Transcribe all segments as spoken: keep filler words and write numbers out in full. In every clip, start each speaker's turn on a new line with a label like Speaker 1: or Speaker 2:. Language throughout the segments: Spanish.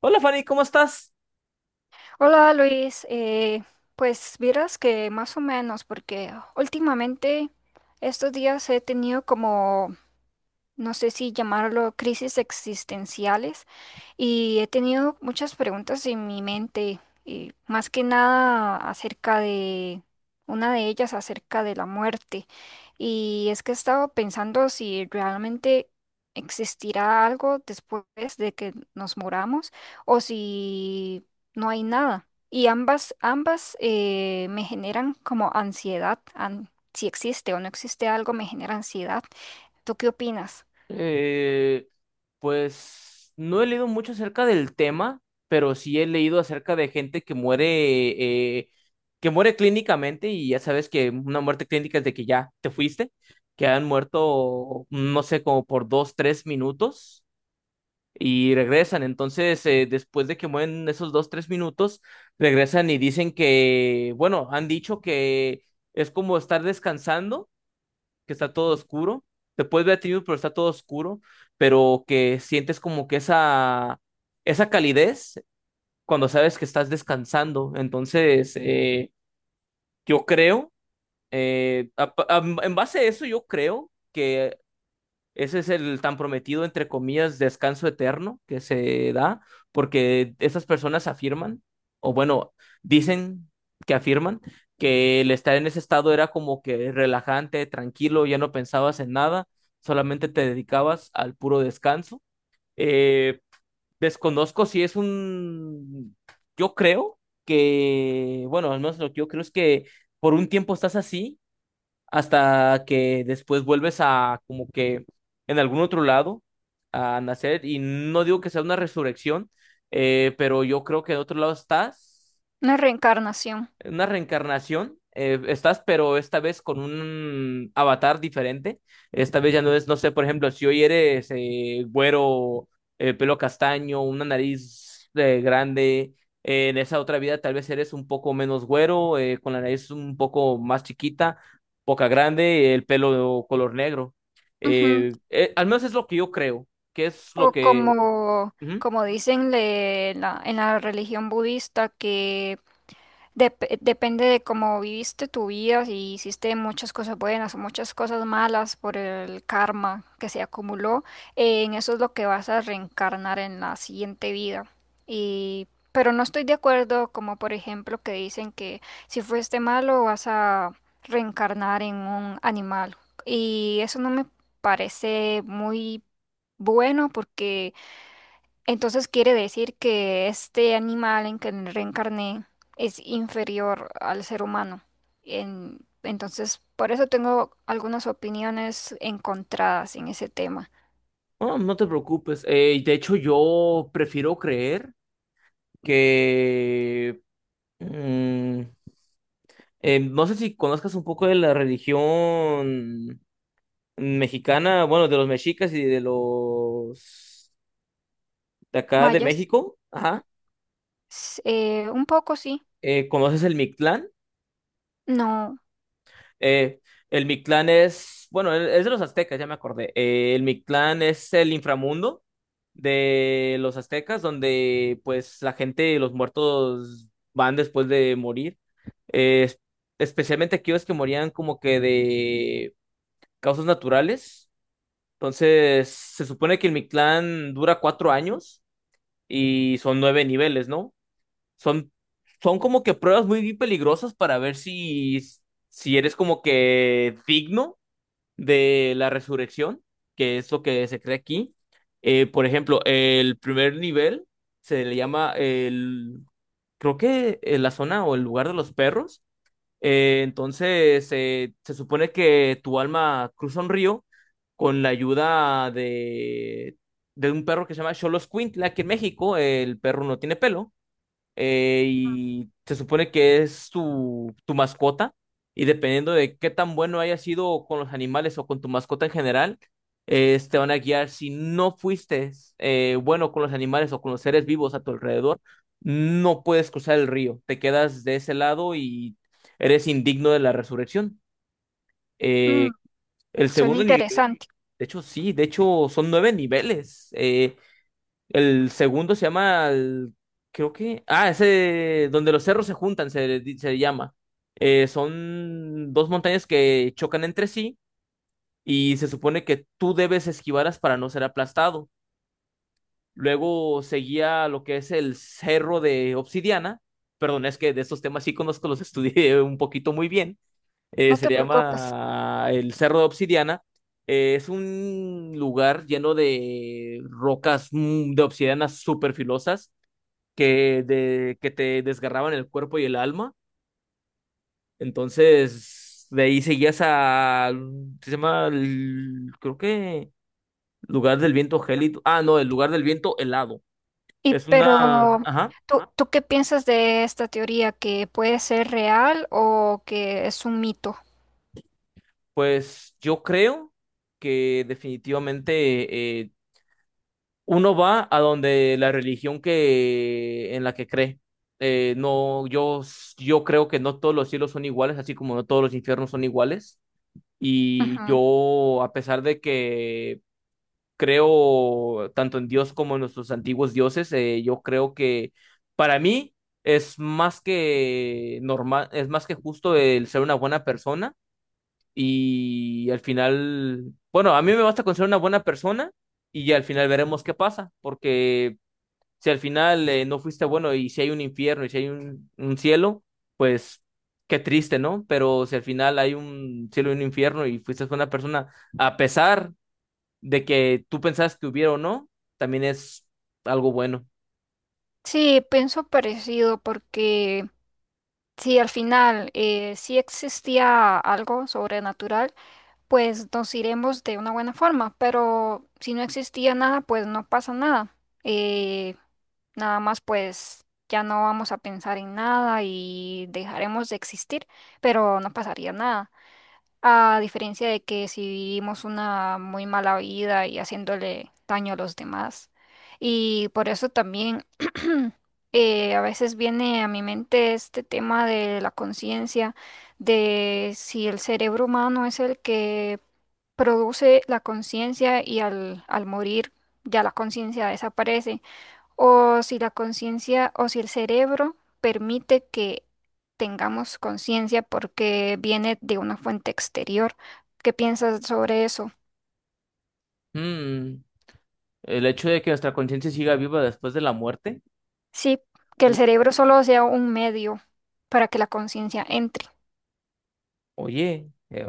Speaker 1: Hola Fanny, ¿cómo estás?
Speaker 2: Hola Luis. Eh, pues vieras que más o menos, porque últimamente estos días he tenido como, no sé si llamarlo crisis existenciales, y he tenido muchas preguntas en mi mente, y más que nada acerca de una de ellas, acerca de la muerte. Y es que he estado pensando si realmente existirá algo después de que nos muramos o si no hay nada. Y ambas, ambas eh, me generan como ansiedad. An- si existe o no existe algo, me genera ansiedad. ¿Tú qué opinas?
Speaker 1: Eh, pues no he leído mucho acerca del tema, pero sí he leído acerca de gente que muere, eh, que muere clínicamente, y ya sabes que una muerte clínica es de que ya te fuiste, que han muerto, no sé, como por dos, tres minutos y regresan. Entonces, eh, después de que mueren esos dos, tres minutos, regresan y dicen que, bueno, han dicho que es como estar descansando, que está todo oscuro. Te puedes ver a ti mismo, pero está todo oscuro, pero que sientes como que esa, esa calidez cuando sabes que estás descansando. Entonces, eh, yo creo, eh, a- a- en base a eso, yo creo que ese es el tan prometido, entre comillas, descanso eterno que se da, porque esas personas afirman, o bueno, dicen que afirman, que el estar en ese estado era como que relajante, tranquilo, ya no pensabas en nada, solamente te dedicabas al puro descanso. Eh, desconozco si es un... Yo creo que, bueno, al menos lo que yo creo es que por un tiempo estás así hasta que después vuelves a como que en algún otro lado a nacer, y no digo que sea una resurrección, eh, pero yo creo que en otro lado estás
Speaker 2: Una reencarnación.
Speaker 1: una reencarnación. Eh, estás, pero esta vez con un avatar diferente. Esta vez ya no es, no sé, por ejemplo, si hoy eres eh, güero, eh, pelo castaño, una nariz eh, grande. Eh, en esa otra vida tal vez eres un poco menos güero, eh, con la nariz un poco más chiquita, boca grande, el pelo color negro.
Speaker 2: Ujú.
Speaker 1: Eh, eh, al menos es lo que yo creo, que es lo
Speaker 2: O
Speaker 1: que...
Speaker 2: como,
Speaker 1: Ujú.
Speaker 2: como dicen le- en la, en la religión budista, que dep- depende de cómo viviste tu vida, si hiciste muchas cosas buenas o muchas cosas malas por el karma que se acumuló, eh, en eso es lo que vas a reencarnar en la siguiente vida. Y, pero no estoy de acuerdo, como por ejemplo que dicen que si fuiste malo vas a reencarnar en un animal. Y eso no me parece muy bueno porque entonces quiere decir que este animal en que reencarné es inferior al ser humano. En- entonces, por eso tengo algunas opiniones encontradas en ese tema.
Speaker 1: Oh, no te preocupes. Eh, de hecho, yo prefiero creer que mm, eh, no sé si conozcas un poco de la religión mexicana, bueno, de los mexicas y de los de acá de
Speaker 2: Mayas,
Speaker 1: México, ajá.
Speaker 2: s- eh, un poco sí,
Speaker 1: Eh, ¿conoces el Mictlán?
Speaker 2: no,
Speaker 1: Eh, el Mictlán es, bueno, e-, es de los aztecas, ya me acordé. Eh, el Mictlán es el inframundo de los aztecas, donde pues la gente, los muertos van después de morir. Eh, es- Especialmente aquellos que morían como que de causas naturales. Entonces, se supone que el Mictlán dura cuatro años y son nueve niveles, ¿no? Son, Son como que pruebas muy peligrosas para ver si, si eres como que digno de la resurrección, que es lo que se cree aquí. Eh, por ejemplo, el primer nivel se le llama el, creo que eh, la zona o el lugar de los perros. Eh, entonces, eh, se supone que tu alma cruza un río con la ayuda de, de un perro que se llama Xoloscuintle. Aquí en México, el perro no tiene pelo eh, y se supone que es tu, tu mascota, y dependiendo de qué tan bueno haya sido con los animales o con tu mascota en general, eh, te van a guiar. Si no fuiste eh, bueno con los animales o con los seres vivos a tu alrededor, no puedes cruzar el río, te quedas de ese lado y eres indigno de la resurrección.
Speaker 2: mm,
Speaker 1: Eh, el
Speaker 2: suena
Speaker 1: segundo nivel,
Speaker 2: interesante,
Speaker 1: de hecho, sí, de hecho son nueve niveles. Eh, el segundo se llama, el- creo que, ah, ese donde los cerros se juntan, se, se llama. Eh, son dos montañas que chocan entre sí y se supone que tú debes esquivarlas para no ser aplastado. Luego seguía lo que es el cerro de Obsidiana. Perdón, es que de estos temas sí conozco, los estudié un poquito muy bien. Eh,
Speaker 2: no
Speaker 1: se
Speaker 2: te
Speaker 1: le
Speaker 2: preocupes.
Speaker 1: llama el cerro de Obsidiana. Eh, es un lugar lleno de rocas mm, de obsidiana súper filosas que, de, que te desgarraban el cuerpo y el alma. Entonces, de ahí seguías a. Se llama. El- creo que. Lugar del viento gélido. Ah, no, el lugar del viento helado.
Speaker 2: Y
Speaker 1: Es una.
Speaker 2: pero,
Speaker 1: Ajá.
Speaker 2: ¿tú, tú qué piensas de esta teoría? ¿Que puede ser real o que es un mito?
Speaker 1: Pues yo creo que definitivamente eh, uno va a donde la religión que en la que cree. Eh, no, yo, yo creo que no todos los cielos son iguales, así como no todos los infiernos son iguales. Y
Speaker 2: Ujú.
Speaker 1: yo, a pesar de que creo tanto en Dios como en nuestros antiguos dioses, eh, yo creo que para mí es más que normal, es más que justo el ser una buena persona. Y al final, bueno, a mí me basta con ser una buena persona y al final veremos qué pasa, porque si al final eh, no fuiste bueno y si hay un infierno y si hay un, un cielo, pues qué triste, ¿no? Pero si al final hay un cielo y un infierno y fuiste buena persona, a pesar de que tú pensabas que hubiera o no, también es algo bueno.
Speaker 2: Sí, pienso parecido porque si al final eh, sí existía algo sobrenatural, pues nos iremos de una buena forma, pero si no existía nada, pues no pasa nada. Eh, Nada más pues ya no vamos a pensar en nada y dejaremos de existir, pero no pasaría nada. A diferencia de que si vivimos una muy mala vida y haciéndole daño a los demás. Y por eso también eh, a veces viene a mi mente este tema de la conciencia, de si el cerebro humano es el que produce la conciencia y al, al morir ya la conciencia desaparece o si la conciencia o si el cerebro permite que tengamos conciencia porque viene de una fuente exterior. ¿Qué piensas sobre eso?
Speaker 1: Mm, el hecho de que nuestra conciencia siga viva después de la muerte,
Speaker 2: Sí, que el
Speaker 1: uy,
Speaker 2: cerebro solo sea un medio para que la conciencia entre.
Speaker 1: oye, eh,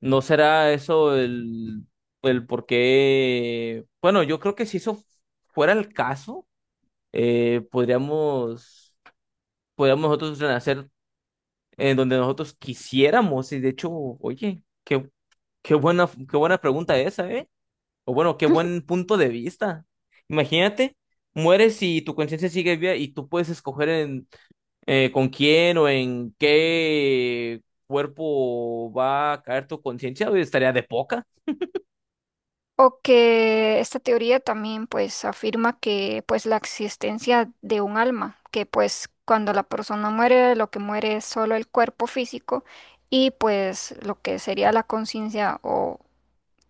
Speaker 1: ¿no será eso el, el por qué? Bueno, yo creo que si eso fuera el caso, eh, podríamos podamos nosotros renacer en donde nosotros quisiéramos. Y de hecho, oye, qué, qué buena, qué buena pregunta esa, ¿eh? O bueno, qué buen punto de vista. Imagínate, mueres y tu conciencia sigue viva y tú puedes escoger en eh, con quién o en qué cuerpo va a caer tu conciencia, oye, estaría de poca.
Speaker 2: O que esta teoría también pues afirma que pues la existencia de un alma, que pues cuando la persona muere lo que muere es solo el cuerpo físico y pues lo que sería la conciencia o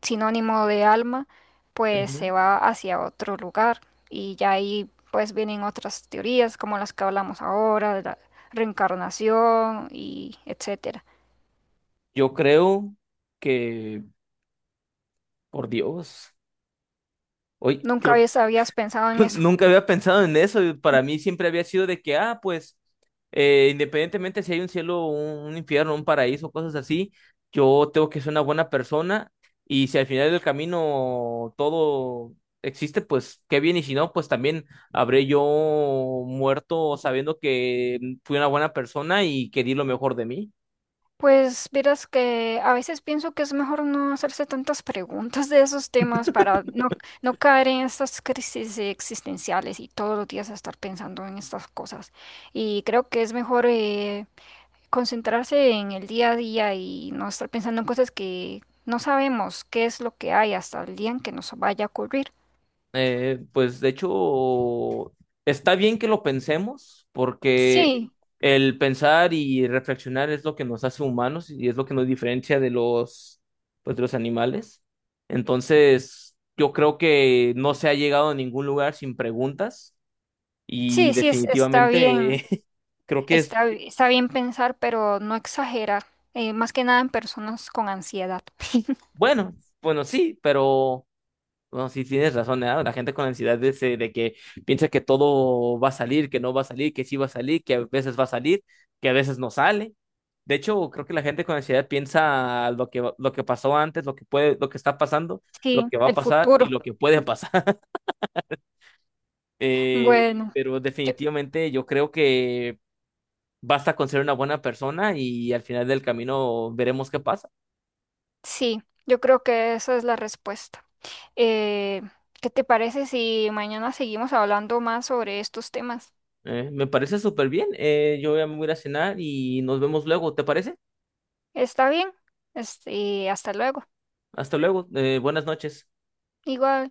Speaker 2: sinónimo de alma, pues
Speaker 1: Ujú.
Speaker 2: se va hacia otro lugar y ya ahí pues vienen otras teorías como las que hablamos ahora, de la reencarnación y etcétera.
Speaker 1: Yo creo que, por Dios, hoy
Speaker 2: ¿Nunca
Speaker 1: creo
Speaker 2: habías, habías pensado en eso?
Speaker 1: nunca había pensado en eso. Para mí siempre había sido de que, ah, pues, eh, independientemente si hay un cielo, un, un infierno, un paraíso, cosas así, yo tengo que ser una buena persona, y si al final del camino todo existe, pues qué bien, y si no, pues también habré yo muerto sabiendo que fui una buena persona y que di lo mejor de mí.
Speaker 2: Pues verás que a veces pienso que es mejor no hacerse tantas preguntas de esos temas para no, no caer en estas crisis existenciales y todos los días estar pensando en estas cosas. Y creo que es mejor... eh, concentrarse en el día a día y no estar pensando en cosas que no sabemos qué es lo que hay hasta el día en que nos vaya a ocurrir.
Speaker 1: Eh, pues de hecho, está bien que lo pensemos, porque
Speaker 2: Sí,
Speaker 1: el pensar y reflexionar es lo que nos hace humanos y es lo que nos diferencia de los, pues, de los animales. Entonces, yo creo que no se ha llegado a ningún lugar sin preguntas, y
Speaker 2: sí, sí, es- está bien,
Speaker 1: definitivamente creo que es
Speaker 2: está, bi- está bien pensar, pero no exagerar, eh, más que nada en personas con ansiedad.
Speaker 1: bueno, bueno, sí, pero... No, sí, tienes razón, ¿eh? La gente con ansiedad de, ese- de que piensa que todo va a salir, que no va a salir, que sí va a salir, que a veces va a salir, que a veces no sale. De hecho, creo que la gente con ansiedad piensa lo que, va- lo que pasó antes, lo que puede, lo que está pasando, lo
Speaker 2: Sí,
Speaker 1: que va a
Speaker 2: el
Speaker 1: pasar y
Speaker 2: futuro.
Speaker 1: lo que puede pasar. Eh,
Speaker 2: Bueno,
Speaker 1: pero
Speaker 2: yo,
Speaker 1: definitivamente yo creo que basta con ser una buena persona y al final del camino veremos qué pasa.
Speaker 2: sí, yo creo que esa es la respuesta. Eh, ¿Qué te parece si mañana seguimos hablando más sobre estos temas?
Speaker 1: Eh, me parece súper bien. Eh, yo ya me voy a ir a cenar y nos vemos luego, ¿te parece?
Speaker 2: ¿Está bien? Este, hasta luego.
Speaker 1: Hasta luego. Eh, buenas noches.
Speaker 2: Igual.